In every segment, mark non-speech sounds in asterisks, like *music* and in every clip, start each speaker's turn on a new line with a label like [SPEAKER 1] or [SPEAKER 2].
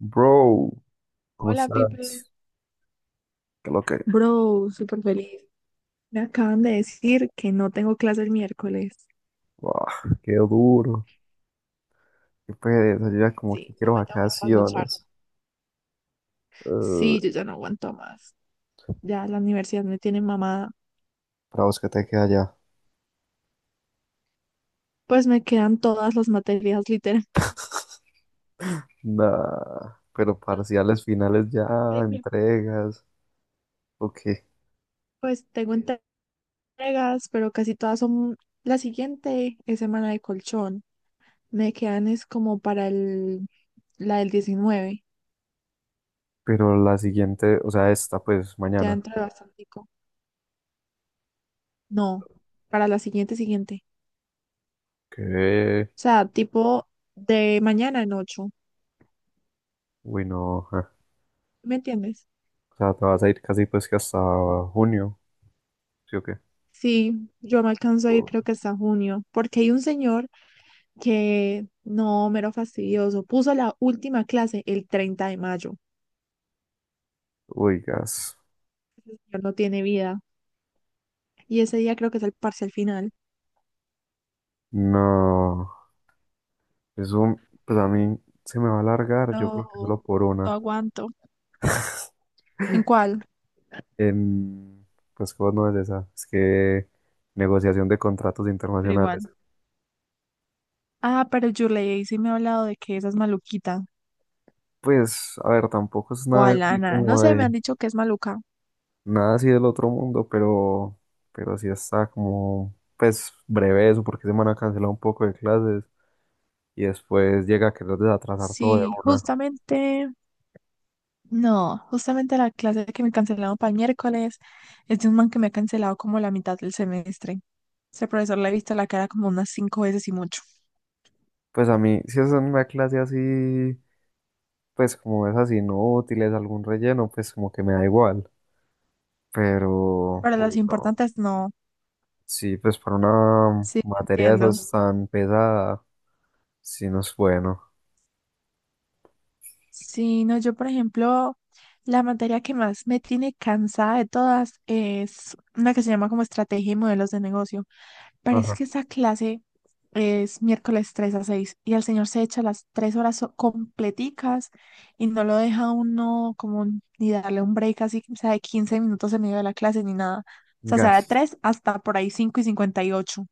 [SPEAKER 1] Bro, ¿cómo
[SPEAKER 2] Hola, Pipe.
[SPEAKER 1] estás? Qué lo que.
[SPEAKER 2] Bro, súper feliz. Me acaban de decir que no tengo clase el miércoles.
[SPEAKER 1] Buah, qué duro, qué pereza, yo ya como que
[SPEAKER 2] Sí, no
[SPEAKER 1] quiero
[SPEAKER 2] me tengo que trasnochar.
[SPEAKER 1] vacaciones. Eh,
[SPEAKER 2] Sí, yo ya no aguanto más. Ya la universidad me tiene mamada.
[SPEAKER 1] para vos, que te queda ya?
[SPEAKER 2] Pues me quedan todas las materias, literal.
[SPEAKER 1] Nah, pero parciales finales ya,
[SPEAKER 2] Eh, mi-
[SPEAKER 1] entregas, ok.
[SPEAKER 2] Pues tengo entregas, pero casi todas son... La siguiente es semana de colchón. Me quedan es como para el... la del 19.
[SPEAKER 1] Pero la siguiente, o sea, esta pues
[SPEAKER 2] Ya
[SPEAKER 1] mañana.
[SPEAKER 2] entré bastante. No, para la siguiente, siguiente.
[SPEAKER 1] Que,
[SPEAKER 2] O sea, tipo de mañana en 8.
[SPEAKER 1] uy, no, ja.
[SPEAKER 2] ¿Me entiendes?
[SPEAKER 1] O sea, te vas a ir casi pues que hasta junio, ¿sí o qué?
[SPEAKER 2] Sí, yo me alcanzo a ir
[SPEAKER 1] O-
[SPEAKER 2] creo que hasta junio, porque hay un señor que, no, mero fastidioso, puso la última clase el 30 de mayo.
[SPEAKER 1] Uy, gas.
[SPEAKER 2] Ese señor no tiene vida. Y ese día creo que es el parcial final.
[SPEAKER 1] No, eso, pues a mí se me va a alargar, yo creo que solo
[SPEAKER 2] No,
[SPEAKER 1] por
[SPEAKER 2] no
[SPEAKER 1] una.
[SPEAKER 2] aguanto. ¿En
[SPEAKER 1] *laughs*
[SPEAKER 2] cuál?
[SPEAKER 1] En, pues, ¿cómo no es esa? Es que negociación de contratos
[SPEAKER 2] Pero
[SPEAKER 1] internacionales.
[SPEAKER 2] igual. Ah, pero Yurley sí me ha hablado de que esa es maluquita.
[SPEAKER 1] Pues, a ver, tampoco es
[SPEAKER 2] O
[SPEAKER 1] nada así
[SPEAKER 2] Alana, no
[SPEAKER 1] como
[SPEAKER 2] sé, me
[SPEAKER 1] de,
[SPEAKER 2] han dicho que es maluca.
[SPEAKER 1] nada así del otro mundo, pero sí está como, pues, breve eso, porque se van a cancelar un poco de clases y después llega a querer desatrasar todo de
[SPEAKER 2] Sí,
[SPEAKER 1] una.
[SPEAKER 2] justamente. No, justamente la clase que me cancelaron para el miércoles es de un man que me ha cancelado como la mitad del semestre. Ese profesor le he visto la cara como unas cinco veces y mucho.
[SPEAKER 1] Pues a mí, si es una clase así, pues como es esas inútiles, algún relleno, pues como que me da igual, pero,
[SPEAKER 2] Pero las
[SPEAKER 1] uy, no.
[SPEAKER 2] importantes no.
[SPEAKER 1] Sí, pues para una
[SPEAKER 2] Sí,
[SPEAKER 1] materia de
[SPEAKER 2] entiendo.
[SPEAKER 1] esas tan pesada, sí no es bueno.
[SPEAKER 2] Sí, no, yo, por ejemplo, la materia que más me tiene cansada de todas es una que se llama como estrategia y modelos de negocio. Parece
[SPEAKER 1] Ajá.
[SPEAKER 2] que esa clase es miércoles 3 a 6 y el señor se echa las 3 horas completicas y no lo deja uno como ni darle un break así, o sea, de 15 minutos en medio de la clase ni nada. O sea de
[SPEAKER 1] Gas.
[SPEAKER 2] 3 hasta por ahí 5:58.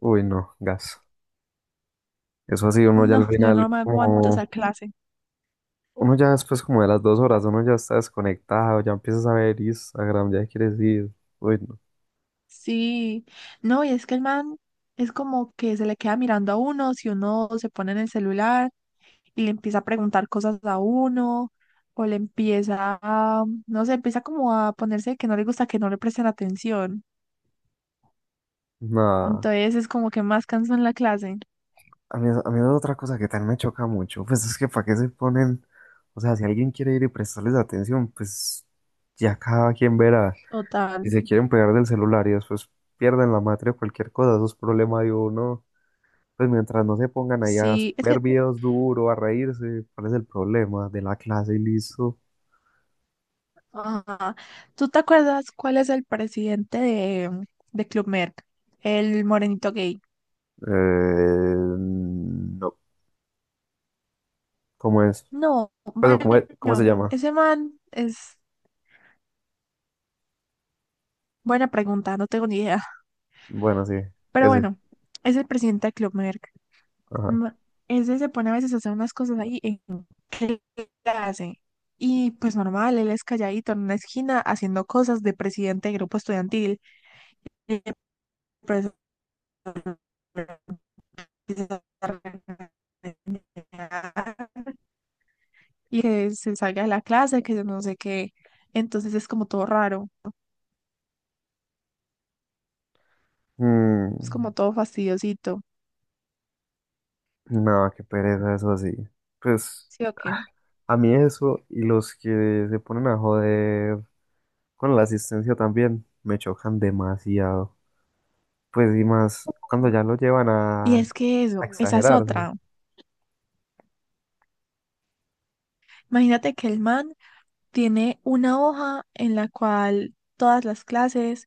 [SPEAKER 1] Uy, no, gas. Eso así, uno ya al
[SPEAKER 2] No, yo no
[SPEAKER 1] final
[SPEAKER 2] me aguanto esa
[SPEAKER 1] como,
[SPEAKER 2] clase.
[SPEAKER 1] uno ya después como de las dos horas, uno ya está desconectado, ya empiezas a ver Instagram, ya quieres ir. Uy, no.
[SPEAKER 2] Sí, no, y es que el man es como que se le queda mirando a uno, si uno se pone en el celular y le empieza a preguntar cosas a uno, o le empieza a, no sé, empieza como a ponerse que no le gusta que no le presten atención.
[SPEAKER 1] Nada.
[SPEAKER 2] Entonces es como que más cansón la clase.
[SPEAKER 1] A mí es otra cosa que también me choca mucho. Pues es que para qué se ponen, o sea, si alguien quiere ir y prestarles atención, pues ya cada quien verá.
[SPEAKER 2] Total.
[SPEAKER 1] Si se quieren pegar del celular y después pierden la matria o cualquier cosa, eso es problema de uno. Pues mientras no se pongan ahí a
[SPEAKER 2] Sí, es que,
[SPEAKER 1] ver videos duro, a reírse, ¿cuál es el problema? De la clase y listo.
[SPEAKER 2] ajá. ¿Tú te acuerdas cuál es el presidente de Club Med? El morenito gay.
[SPEAKER 1] No, ¿cómo es?
[SPEAKER 2] No,
[SPEAKER 1] Pues, o ¿cómo, cómo se
[SPEAKER 2] bueno,
[SPEAKER 1] llama?
[SPEAKER 2] ese man es buena pregunta, no tengo ni idea.
[SPEAKER 1] Bueno, sí,
[SPEAKER 2] Pero
[SPEAKER 1] ese.
[SPEAKER 2] bueno, es el presidente de Club Med.
[SPEAKER 1] Ajá.
[SPEAKER 2] No, ese se pone a veces a hacer unas cosas ahí en clase. Y pues normal, él es calladito en una esquina haciendo cosas de presidente de grupo estudiantil. Y el profesor empieza a regañar, y que se salga de la clase, que yo no sé qué. Entonces es como todo raro, es
[SPEAKER 1] Mm,
[SPEAKER 2] como todo fastidiosito.
[SPEAKER 1] no, qué pereza eso así. Pues
[SPEAKER 2] ¿Sí o qué?
[SPEAKER 1] a mí eso y los que se ponen a joder con la asistencia también me chocan demasiado. Pues y más cuando ya lo llevan
[SPEAKER 2] Y es que
[SPEAKER 1] a
[SPEAKER 2] eso, esa es
[SPEAKER 1] exagerar, ¿no?
[SPEAKER 2] otra. Imagínate que el man tiene una hoja en la cual todas las clases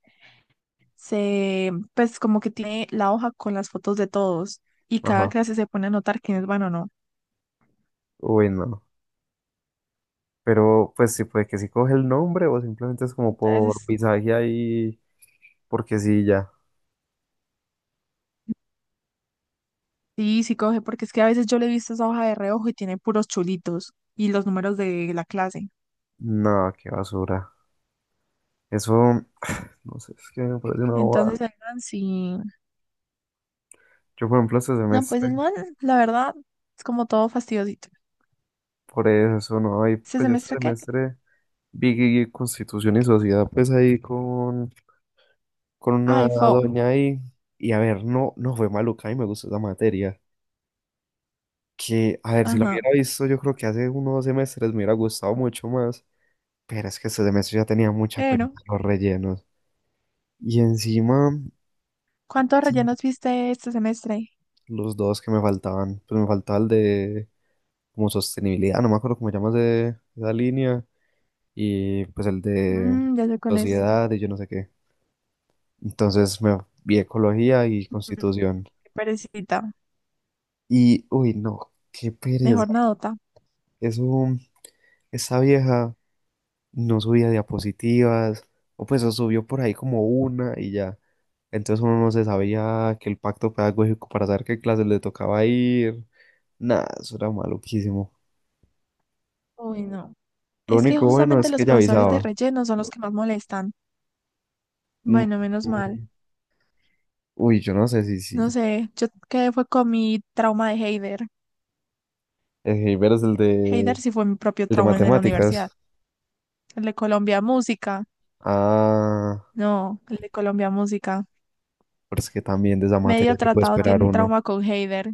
[SPEAKER 2] se, pues como que tiene la hoja con las fotos de todos y cada
[SPEAKER 1] Ajá.
[SPEAKER 2] clase se pone a anotar quiénes van o no.
[SPEAKER 1] Uy, no. Pero pues sí, puede que si coge el nombre o simplemente es como por
[SPEAKER 2] Entonces,
[SPEAKER 1] pisaje ahí, porque sí, ya.
[SPEAKER 2] sí, sí coge, porque es que a veces yo le he visto esa hoja de reojo y tiene puros chulitos y los números de la clase.
[SPEAKER 1] No, qué basura. Eso, no sé, es que me parece una bobada.
[SPEAKER 2] Entonces, el man sí.
[SPEAKER 1] Yo, por ejemplo, este
[SPEAKER 2] No, pues el
[SPEAKER 1] semestre,
[SPEAKER 2] man, la verdad, es como todo fastidiosito.
[SPEAKER 1] por eso, no, ahí,
[SPEAKER 2] ¿Este
[SPEAKER 1] pues yo este
[SPEAKER 2] semestre qué?
[SPEAKER 1] semestre vi Constitución y Sociedad, pues ahí con una
[SPEAKER 2] Ay, fo.
[SPEAKER 1] doña ahí. Y a ver, no, no fue maluca y me gustó esa materia. Que, a ver, si lo
[SPEAKER 2] Ajá.
[SPEAKER 1] hubiera visto, yo creo que hace unos dos semestres me hubiera gustado mucho más, pero es que este semestre ya tenía mucha pena
[SPEAKER 2] Pero,
[SPEAKER 1] los rellenos. Y encima,
[SPEAKER 2] ¿cuántos rellenos viste este semestre?
[SPEAKER 1] los dos que me faltaban, pues me faltaba el de como sostenibilidad, no me acuerdo cómo llamas de esa línea, y pues el de
[SPEAKER 2] Ya sé cuál es.
[SPEAKER 1] sociedad y yo no sé qué. Entonces me vi ecología y
[SPEAKER 2] Mm,
[SPEAKER 1] constitución.
[SPEAKER 2] Qué perecita.
[SPEAKER 1] Y, uy, no, qué pereza.
[SPEAKER 2] Mejor nadota.
[SPEAKER 1] Eso, esa vieja no subía diapositivas, o pues o subió por ahí como una y ya. Entonces uno no se sabía que el pacto pedagógico para saber qué clases le tocaba ir. Nada, eso era maluquísimo.
[SPEAKER 2] Uy, no.
[SPEAKER 1] Lo
[SPEAKER 2] Es que
[SPEAKER 1] único bueno
[SPEAKER 2] justamente
[SPEAKER 1] es
[SPEAKER 2] los
[SPEAKER 1] que ya
[SPEAKER 2] profesores de
[SPEAKER 1] avisaba.
[SPEAKER 2] relleno son los que más molestan.
[SPEAKER 1] Mm.
[SPEAKER 2] Bueno, menos mal.
[SPEAKER 1] Uy, yo no sé si
[SPEAKER 2] No
[SPEAKER 1] sí.
[SPEAKER 2] sé, yo quedé fue con mi trauma de Heider.
[SPEAKER 1] El Heiber es
[SPEAKER 2] Heider sí fue mi propio
[SPEAKER 1] el de
[SPEAKER 2] trauma en la universidad.
[SPEAKER 1] matemáticas.
[SPEAKER 2] El de Colombia Música.
[SPEAKER 1] Ah,
[SPEAKER 2] No, el de Colombia Música.
[SPEAKER 1] pero es que también de esa
[SPEAKER 2] Medio
[SPEAKER 1] materia que puede
[SPEAKER 2] tratado
[SPEAKER 1] esperar
[SPEAKER 2] tiene
[SPEAKER 1] uno.
[SPEAKER 2] trauma con Heider.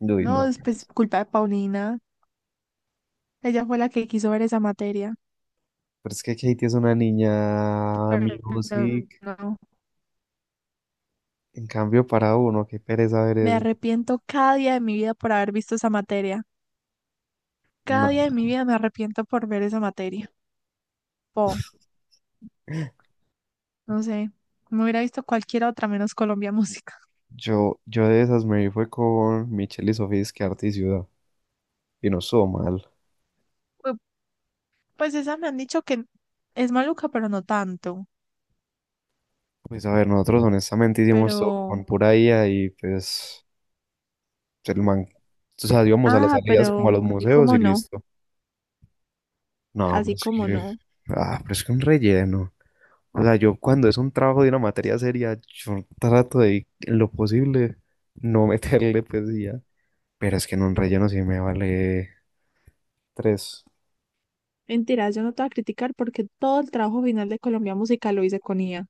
[SPEAKER 1] Uy,
[SPEAKER 2] No,
[SPEAKER 1] no.
[SPEAKER 2] es pues, culpa de Paulina. Ella fue la que quiso ver esa materia.
[SPEAKER 1] Pero es que Katie es una niña
[SPEAKER 2] Pero
[SPEAKER 1] music.
[SPEAKER 2] no,
[SPEAKER 1] En cambio, para uno, qué pereza ver
[SPEAKER 2] me
[SPEAKER 1] eso.
[SPEAKER 2] arrepiento cada día de mi vida por haber visto esa materia. Cada día
[SPEAKER 1] Nah.
[SPEAKER 2] de mi vida me arrepiento por ver esa materia. Po. No sé, me hubiera visto cualquier otra menos Colombia *laughs* Música.
[SPEAKER 1] Yo de esas me fue con Michelle y Sofía, es que arte y ciudad, y no estuvo mal.
[SPEAKER 2] Pu- Pues esa me han dicho que es maluca, pero no tanto.
[SPEAKER 1] Pues a ver, nosotros honestamente hicimos todo
[SPEAKER 2] Pero,
[SPEAKER 1] con pura IA y pues el man, o sea, íbamos a las
[SPEAKER 2] ah,
[SPEAKER 1] salidas como a
[SPEAKER 2] pero
[SPEAKER 1] los
[SPEAKER 2] así
[SPEAKER 1] museos y
[SPEAKER 2] como no,
[SPEAKER 1] listo. No, pero
[SPEAKER 2] así
[SPEAKER 1] es
[SPEAKER 2] como
[SPEAKER 1] que,
[SPEAKER 2] no.
[SPEAKER 1] ah, pero es que un relleno. O sea, yo cuando es un trabajo de una materia seria, yo trato de, en lo posible, no *laughs* meterle pues y ya. Pero es que en un relleno sí me vale tres.
[SPEAKER 2] Mentira, yo no te voy a criticar porque todo el trabajo final de Colombia Música lo hice con IA.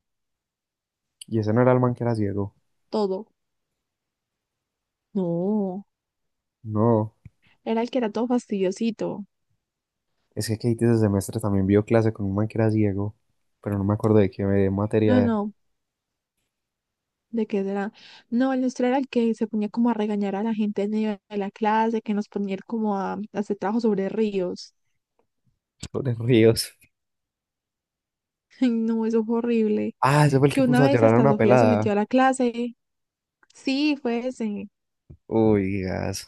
[SPEAKER 1] ¿Y ese no era el man que era ciego?
[SPEAKER 2] Todo. No,
[SPEAKER 1] No.
[SPEAKER 2] era el que era todo fastidiosito.
[SPEAKER 1] Es que Katie ese semestre también vio clase con un man que era ciego, pero no me acuerdo de qué materia
[SPEAKER 2] No,
[SPEAKER 1] de
[SPEAKER 2] no, ¿de qué será? No, el nuestro era el que se ponía como a regañar a la gente en medio de la clase, que nos ponía como a hacer trabajo sobre ríos.
[SPEAKER 1] *laughs* sobre ríos.
[SPEAKER 2] *laughs* Ay, no, eso fue horrible.
[SPEAKER 1] Ah, ese fue el
[SPEAKER 2] Que
[SPEAKER 1] que
[SPEAKER 2] una
[SPEAKER 1] puso a
[SPEAKER 2] vez
[SPEAKER 1] llorar a
[SPEAKER 2] hasta
[SPEAKER 1] una
[SPEAKER 2] Sofía se
[SPEAKER 1] pelada.
[SPEAKER 2] metió a la clase. Sí, fue ese.
[SPEAKER 1] Uy, gas.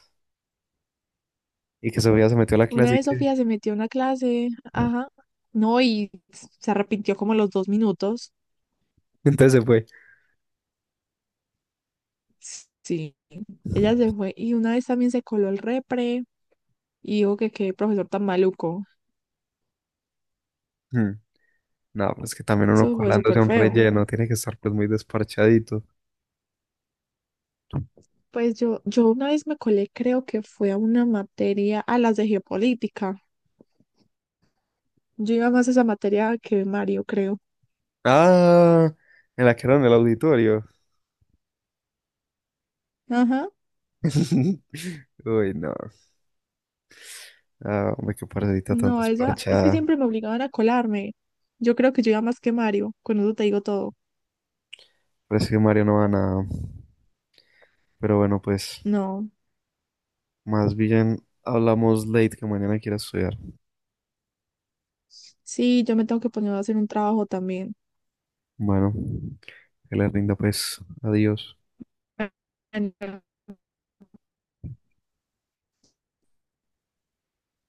[SPEAKER 1] Y que Sofía se metió a la
[SPEAKER 2] Una
[SPEAKER 1] clase y
[SPEAKER 2] vez
[SPEAKER 1] que...
[SPEAKER 2] Sofía se metió a una clase, ajá. No, y se arrepintió como a los 2 minutos.
[SPEAKER 1] *laughs* Entonces se fue.
[SPEAKER 2] Sí, ella se fue. Y una vez también se coló el repre y dijo que qué profesor tan maluco.
[SPEAKER 1] Hmm. No, pues que también uno
[SPEAKER 2] Eso fue
[SPEAKER 1] colándose
[SPEAKER 2] súper
[SPEAKER 1] a un
[SPEAKER 2] feo.
[SPEAKER 1] relleno tiene que estar pues muy desparchadito.
[SPEAKER 2] Pues yo una vez me colé, creo que fue a una materia, a las de geopolítica. Yo iba más a esa materia que Mario, creo.
[SPEAKER 1] Ah, en la que era en el auditorio.
[SPEAKER 2] Ajá.
[SPEAKER 1] *laughs* Uy, no. Ah, hombre, qué parecita tan
[SPEAKER 2] No, esa, es que
[SPEAKER 1] desparchada.
[SPEAKER 2] siempre me obligaban a colarme. Yo creo que yo iba más que Mario, con eso te digo todo.
[SPEAKER 1] Pero es que Mario no va a nada. Pero bueno, pues.
[SPEAKER 2] No,
[SPEAKER 1] Más bien hablamos late, que mañana quiera estudiar.
[SPEAKER 2] sí, yo me tengo que poner a hacer un trabajo también.
[SPEAKER 1] Bueno, que le rinda pues. Adiós.